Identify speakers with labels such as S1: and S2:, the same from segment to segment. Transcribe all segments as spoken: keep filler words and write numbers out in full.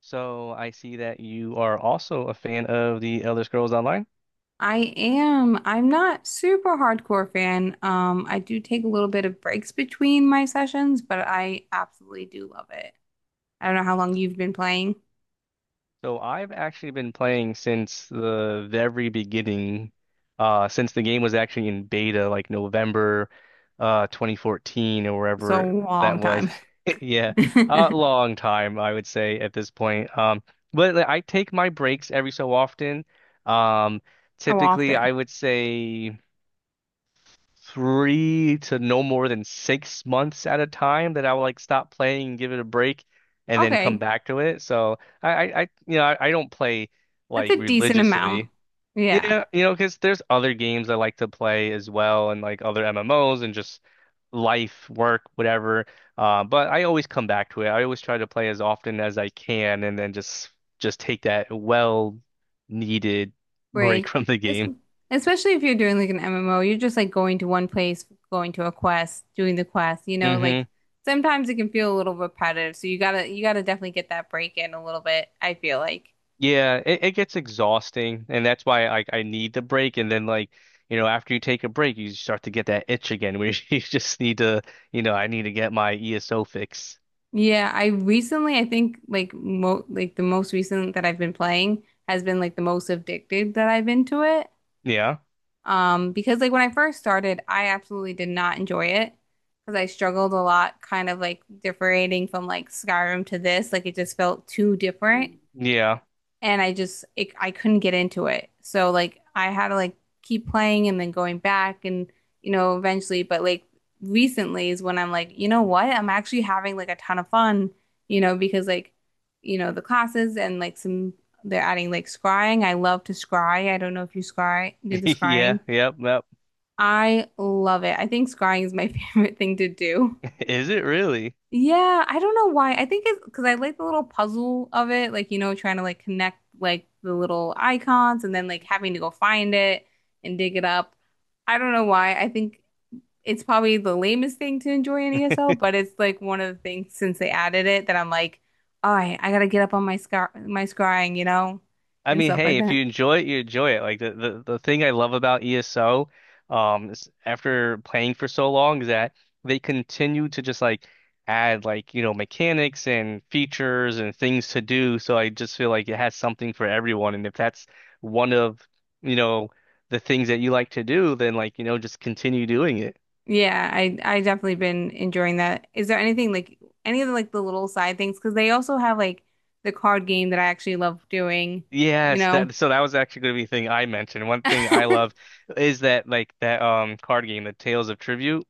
S1: So I see that you are also a fan of the Elder Scrolls Online.
S2: I am. I'm not super hardcore fan. Um, I do take a little bit of breaks between my sessions, but I absolutely do love it. I don't know how long you've been playing.
S1: So I've actually been playing since the very beginning, uh, since the game was actually in beta, like November, uh, twenty fourteen or
S2: So
S1: wherever that
S2: long
S1: was.
S2: time.
S1: Yeah, a long time, I would say at this point. Um, but like, I take my breaks every so often. Um,
S2: How
S1: typically,
S2: often?
S1: I would say, three to no more than six months at a time that I would like stop playing and give it a break and then come
S2: Okay.
S1: back to it. So I, I, I you know, I, I don't play
S2: That's
S1: like
S2: a decent amount.
S1: religiously.
S2: Yeah.
S1: Yeah, you know, because there's other games I like to play as well and like other M M Os and just life, work, whatever. Uh, but I always come back to it. I always try to play as often as I can and then just just take that well needed break
S2: Break.
S1: from the
S2: Es-
S1: game.
S2: Especially if you're doing like an M M O, you're just like going to one place, going to a quest, doing the quest, you know, like
S1: hmm
S2: sometimes it can feel a little repetitive. So you gotta you gotta definitely get that break in a little bit, I feel like.
S1: Yeah, it, it gets exhausting, and that's why I I need the break. And then like, you know, after you take a break, you start to get that itch again, where you just need to, you know, I need to get my ESO fix.
S2: Yeah, I recently, I think like mo like the most recent that I've been playing has been like the most addicted that I've been to it.
S1: Yeah,
S2: Um, because like when I first started, I absolutely did not enjoy it because I struggled a lot, kind of like differentiating from like Skyrim to this. Like it just felt too different
S1: yeah,
S2: and I just it, I couldn't get into it. So like I had to like keep playing and then going back and you know eventually but like recently is when I'm like, you know what? I'm actually having like a ton of fun, you know, because like you know the classes and like some they're adding like scrying. I love to scry. I don't know if you scry do the
S1: yeah,
S2: scrying.
S1: yep, yep.
S2: I love it. I think scrying is my favorite thing to do.
S1: Is it really?
S2: Yeah, I don't know why. I think it's because I like the little puzzle of it, like you know, trying to like connect like the little icons and then like having to go find it and dig it up. I don't know why. I think it's probably the lamest thing to enjoy in E S L, but it's like one of the things since they added it that I'm like, all right, I gotta get up on my scar, my scrying, you know,
S1: I
S2: and
S1: mean,
S2: stuff like
S1: hey, if
S2: that.
S1: you enjoy it, you enjoy it. Like the, the, the thing I love about ESO, um, is after playing for so long, is that they continue to just like add, like, you know, mechanics and features and things to do. So I just feel like it has something for everyone. And if that's one of, you know, the things that you like to do, then like, you know, just continue doing it.
S2: Yeah, I I definitely been enjoying that. Is there anything like any of the like the little side things? Because they also have like the card game that I actually love doing, you
S1: Yes,
S2: know.
S1: that, so that was actually going to be the thing I mentioned. One thing I love is that like that um card game, the Tales of Tribute.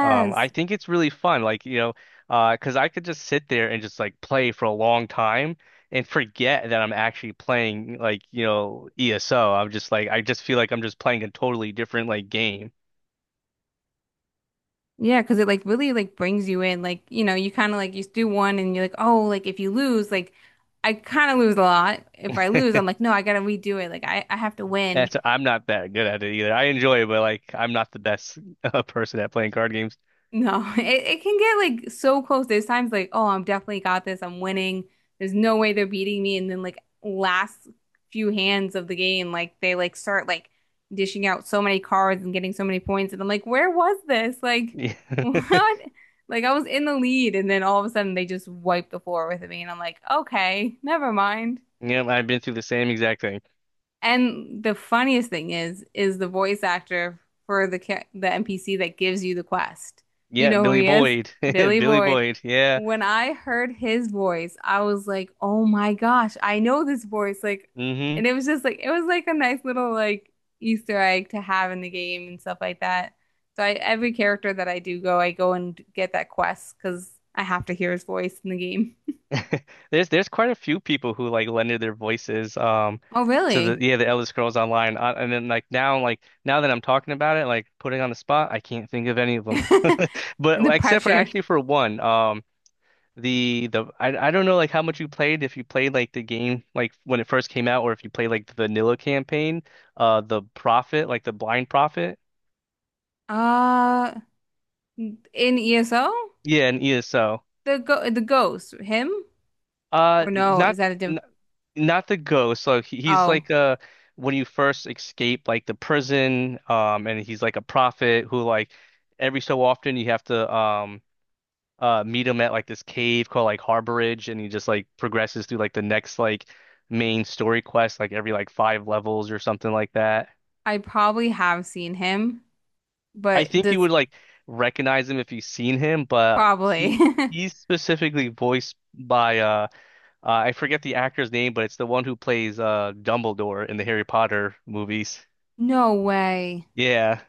S1: Um, I think it's really fun, like, you know, uh, cause I could just sit there and just like play for a long time and forget that I'm actually playing, like, you know, ESO. I'm just like, I just feel like I'm just playing a totally different like game.
S2: Yeah, because it like really like brings you in. Like, you know, you kind of like you do one and you're like, oh, like if you lose, like I kind of lose a lot. If I lose, I'm like, no, I gotta redo it. Like I, I have to win.
S1: That's, I'm not that good at it either. I enjoy it, but like I'm not the best uh, person at playing card games.
S2: No, it, it can get like so close. There's times like, oh, I'm definitely got this. I'm winning. There's no way they're beating me. And then like last few hands of the game, like they like start like dishing out so many cards and getting so many points. And I'm like, where was this? Like,
S1: Yeah.
S2: what? Like I was in the lead, and then all of a sudden they just wipe the floor with me, and I'm like, okay, never mind.
S1: Yeah, I've been through the same exact thing.
S2: And the funniest thing is, is the voice actor for the ca- the N P C that gives you the quest. Do you
S1: Yeah,
S2: know who
S1: Billy
S2: he is?
S1: Boyd.
S2: Billy
S1: Billy
S2: Boyd.
S1: Boyd. Yeah.
S2: When I heard his voice, I was like, "Oh my gosh, I know this voice!" Like,
S1: hmm
S2: and it was just like it was like a nice little like Easter egg to have in the game and stuff like that. So I, every character that I do go, I go and get that quest because I have to hear his voice in the game.
S1: There's there's quite a few people who like lended their voices um
S2: Oh,
S1: to the,
S2: really?
S1: yeah, the Elder Scrolls Online, uh, and then like now, like now that I'm talking about it, like putting on the spot, I can't think of any of them
S2: And
S1: but
S2: the
S1: except for
S2: pressure.
S1: actually for one. Um the the I I don't know like how much you played, if you played like the game like when it first came out, or if you played like the vanilla campaign, uh the Prophet, like the Blind Prophet,
S2: Uh, In E S O?
S1: yeah, and ESO,
S2: The go the ghost, him?
S1: uh
S2: Or no, is
S1: not,
S2: that a diff
S1: not the ghost. So he- he's
S2: Oh,
S1: like a, when you first escape like the prison, um, and he's like a prophet who, like every so often, you have to um uh meet him at like this cave called like Harborage, and he just like progresses through like the next like main story quest like every like five levels or something like that.
S2: I probably have seen him,
S1: I
S2: but
S1: think you
S2: this
S1: would like recognize him if you've seen him, but he
S2: probably.
S1: he's specifically voiced by uh. Uh, I forget the actor's name, but it's the one who plays uh Dumbledore in the Harry Potter movies.
S2: No way.
S1: Yeah.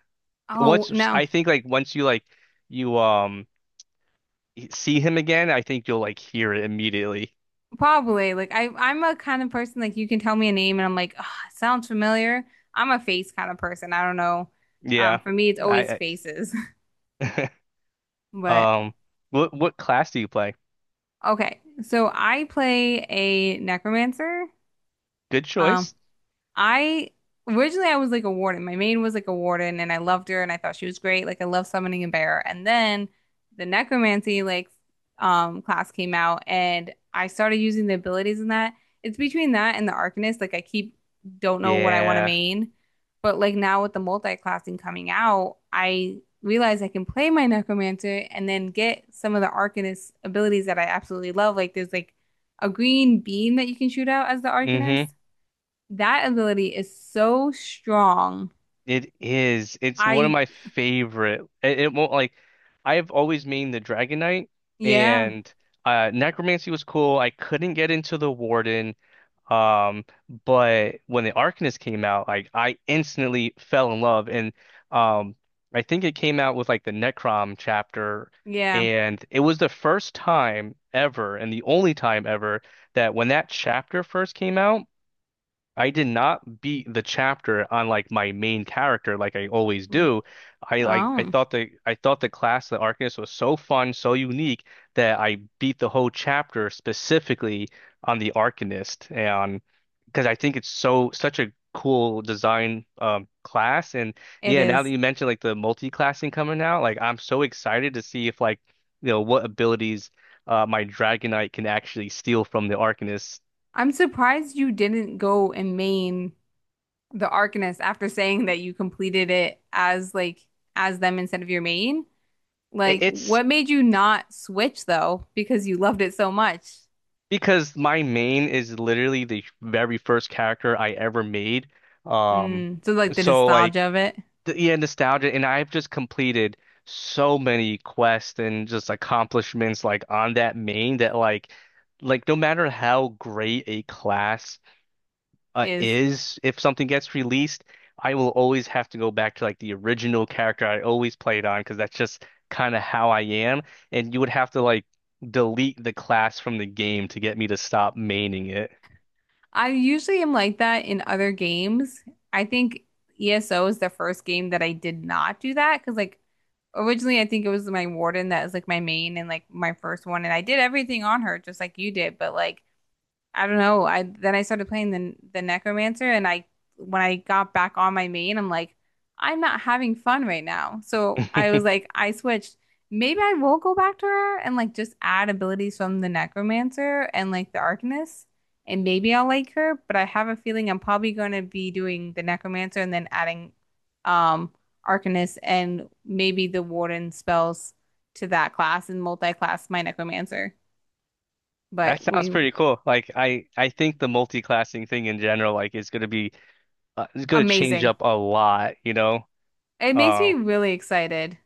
S2: Oh,
S1: Once,
S2: no.
S1: I think, like once you, like you um see him again, I think you'll like hear it immediately.
S2: Probably. Like I I'm a kind of person like you can tell me a name and I'm like, oh, sounds familiar. I'm a face kind of person. I don't know. Um,
S1: Yeah.
S2: for me it's always
S1: I,
S2: faces.
S1: I
S2: But
S1: um what what class do you play?
S2: okay. So I play a necromancer.
S1: Good
S2: Um,
S1: choice.
S2: I originally I was like a warden. My maid was like a warden and I loved her and I thought she was great. Like I love summoning a bear. And then the necromancy like um class came out and I started using the abilities in that. It's between that and the arcanist. Like I keep don't know what I want to
S1: Yeah.
S2: main. But like now with the multi-classing coming out, I realize I can play my necromancer and then get some of the arcanist abilities that I absolutely love. Like there's like a green beam that you can shoot out as the arcanist.
S1: Mm-hmm.
S2: That ability is so strong.
S1: It is. It's one of
S2: I,
S1: my favorite. It, it won't like, I've always mained the Dragon Knight,
S2: yeah,
S1: and uh Necromancy was cool. I couldn't get into the Warden. Um, but when the Arcanist came out, like I instantly fell in love, and um, I think it came out with like the Necrom chapter,
S2: yeah.
S1: and it was the first time ever, and the only time ever that, when that chapter first came out, I did not beat the chapter on like my main character like I always do. I like I
S2: Oh,
S1: thought the I thought the class, the Arcanist, was so fun, so unique, that I beat the whole chapter specifically on the Arcanist, and because I think it's so such a cool design um class. And
S2: it
S1: yeah, now that
S2: is.
S1: you mentioned like the multi-classing coming out, like I'm so excited to see if like, you know, what abilities uh my Dragonite can actually steal from the Arcanist.
S2: I'm surprised you didn't go and main the Arcanist after saying that you completed it as like as them instead of your main.
S1: It-
S2: Like,
S1: It's
S2: what made you not switch though? Because you loved it so much.
S1: Because my main is literally the very first character I ever made. Um,
S2: Mm, so like the
S1: so
S2: nostalgia
S1: like
S2: of it
S1: the, yeah, nostalgia, and I've just completed so many quests and just accomplishments like on that main, that like like no matter how great a class uh,
S2: is
S1: is, if something gets released, I will always have to go back to like the original character I always played on, because that's just kind of how I am. And you would have to like delete the class from the game to get me to stop maining it.
S2: I usually am like that in other games. I think E S O is the first game that I did not do that because, like, originally I think it was my warden that was like my main and like my first one, and I did everything on her just like you did, but like I don't know. I Then I started playing the the Necromancer, and I when I got back on my main, I'm like, I'm not having fun right now. So I was like, I switched. Maybe I will go back to her and like just add abilities from the Necromancer and like the Arcanist, and maybe I'll like her. But I have a feeling I'm probably going to be doing the Necromancer and then adding um Arcanist and maybe the Warden spells to that class and multi-class my Necromancer.
S1: That
S2: But
S1: sounds
S2: we
S1: pretty cool. Like, I, I think the multi-classing thing in general, like, is gonna be, uh, is gonna change
S2: amazing.
S1: up a lot, you know.
S2: It makes me
S1: Um,
S2: really excited.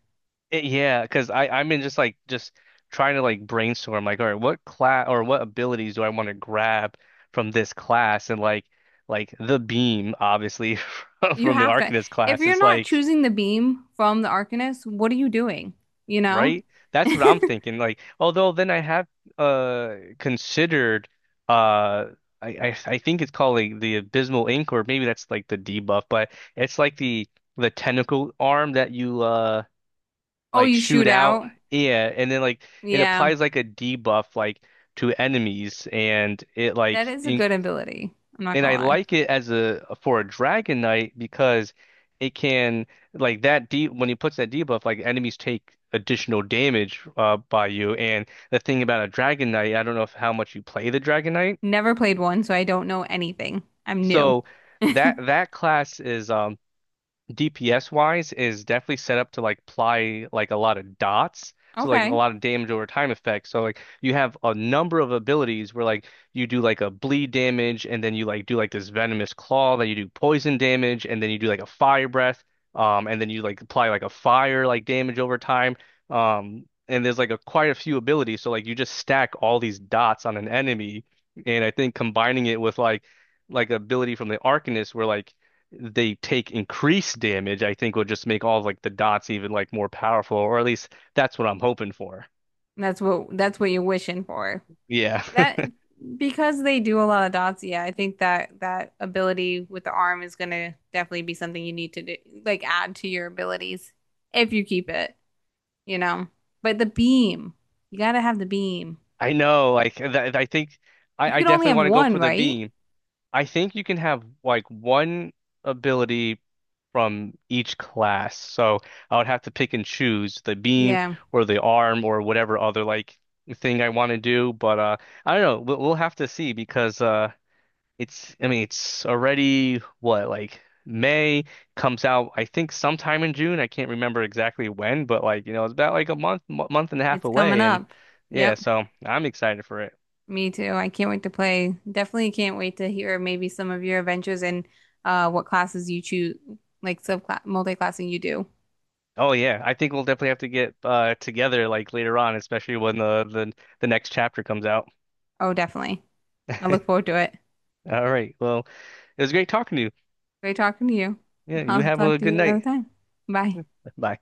S1: It, yeah, because I I'm in just like just trying to like brainstorm like, all right, what class or what abilities do I want to grab from this class? And like like the beam, obviously, from
S2: You
S1: from the
S2: have to,
S1: Arcanist
S2: if
S1: class,
S2: you're
S1: is
S2: not
S1: like,
S2: choosing the beam from the Arcanist, what are you doing? You know?
S1: right, that's what I'm thinking. Like, although then I have uh considered, uh I I, I think it's called like the Abysmal Ink, or maybe that's like the debuff, but it's like the the tentacle arm that you uh
S2: Oh,
S1: like
S2: you
S1: shoot
S2: shoot
S1: out.
S2: out?
S1: Yeah, and then like it
S2: Yeah,
S1: applies like a debuff like to enemies, and it
S2: that
S1: like
S2: is a
S1: in,
S2: good ability. I'm not
S1: and
S2: gonna
S1: I
S2: lie.
S1: like it as a for a Dragon Knight, because it can, like that deep when he puts that debuff, like enemies take additional damage uh by you. And the thing about a Dragon Knight, I don't know if how much you play the Dragon Knight,
S2: Never played one, so I don't know anything. I'm new.
S1: so that that class is um. D P S wise, is definitely set up to like apply like a lot of dots. So like a
S2: Okay.
S1: lot of damage over time effects. So like you have a number of abilities where like you do like a bleed damage, and then you like do like this venomous claw, then you do poison damage, and then you do like a fire breath, um, and then you like apply like a fire like damage over time. Um, and there's like a quite a few abilities. So like you just stack all these dots on an enemy, and I think combining it with like like ability from the Arcanist where like they take increased damage, I think will just make all of like the dots even like more powerful, or at least that's what I'm hoping for.
S2: That's what that's what you're wishing for.
S1: Yeah,
S2: That because they do a lot of dots, yeah, I think that that ability with the arm is gonna definitely be something you need to do, like add to your abilities if you keep it. You know. But the beam, you gotta have the beam.
S1: I know. Like, th I think I,
S2: You
S1: I
S2: can only
S1: definitely
S2: have
S1: want to go
S2: one,
S1: for the
S2: right?
S1: beam. I think you can have like one ability from each class, so I would have to pick and choose the beam
S2: Yeah,
S1: or the arm or whatever other like thing I want to do. But uh, I don't know. We'll, we'll have to see, because uh. it's, I mean, it's already what, like May, comes out, I think sometime in June. I can't remember exactly when, but, like, you know, it's about like a month, mo- month and a half
S2: it's coming
S1: away. And
S2: up.
S1: yeah,
S2: Yep,
S1: so I'm excited for it.
S2: me too. I can't wait to play. Definitely can't wait to hear maybe some of your adventures and uh, what classes you choose, like subclass multi-classing you do.
S1: Oh yeah, I think we'll definitely have to get uh together like later on, especially when the the, the next chapter comes out.
S2: Oh, definitely. I look forward to it.
S1: All right. Well, it was great talking to you.
S2: Great talking to you.
S1: Yeah, you
S2: I'll
S1: have
S2: talk
S1: a
S2: to
S1: good
S2: you another
S1: night.
S2: time. Bye.
S1: Bye.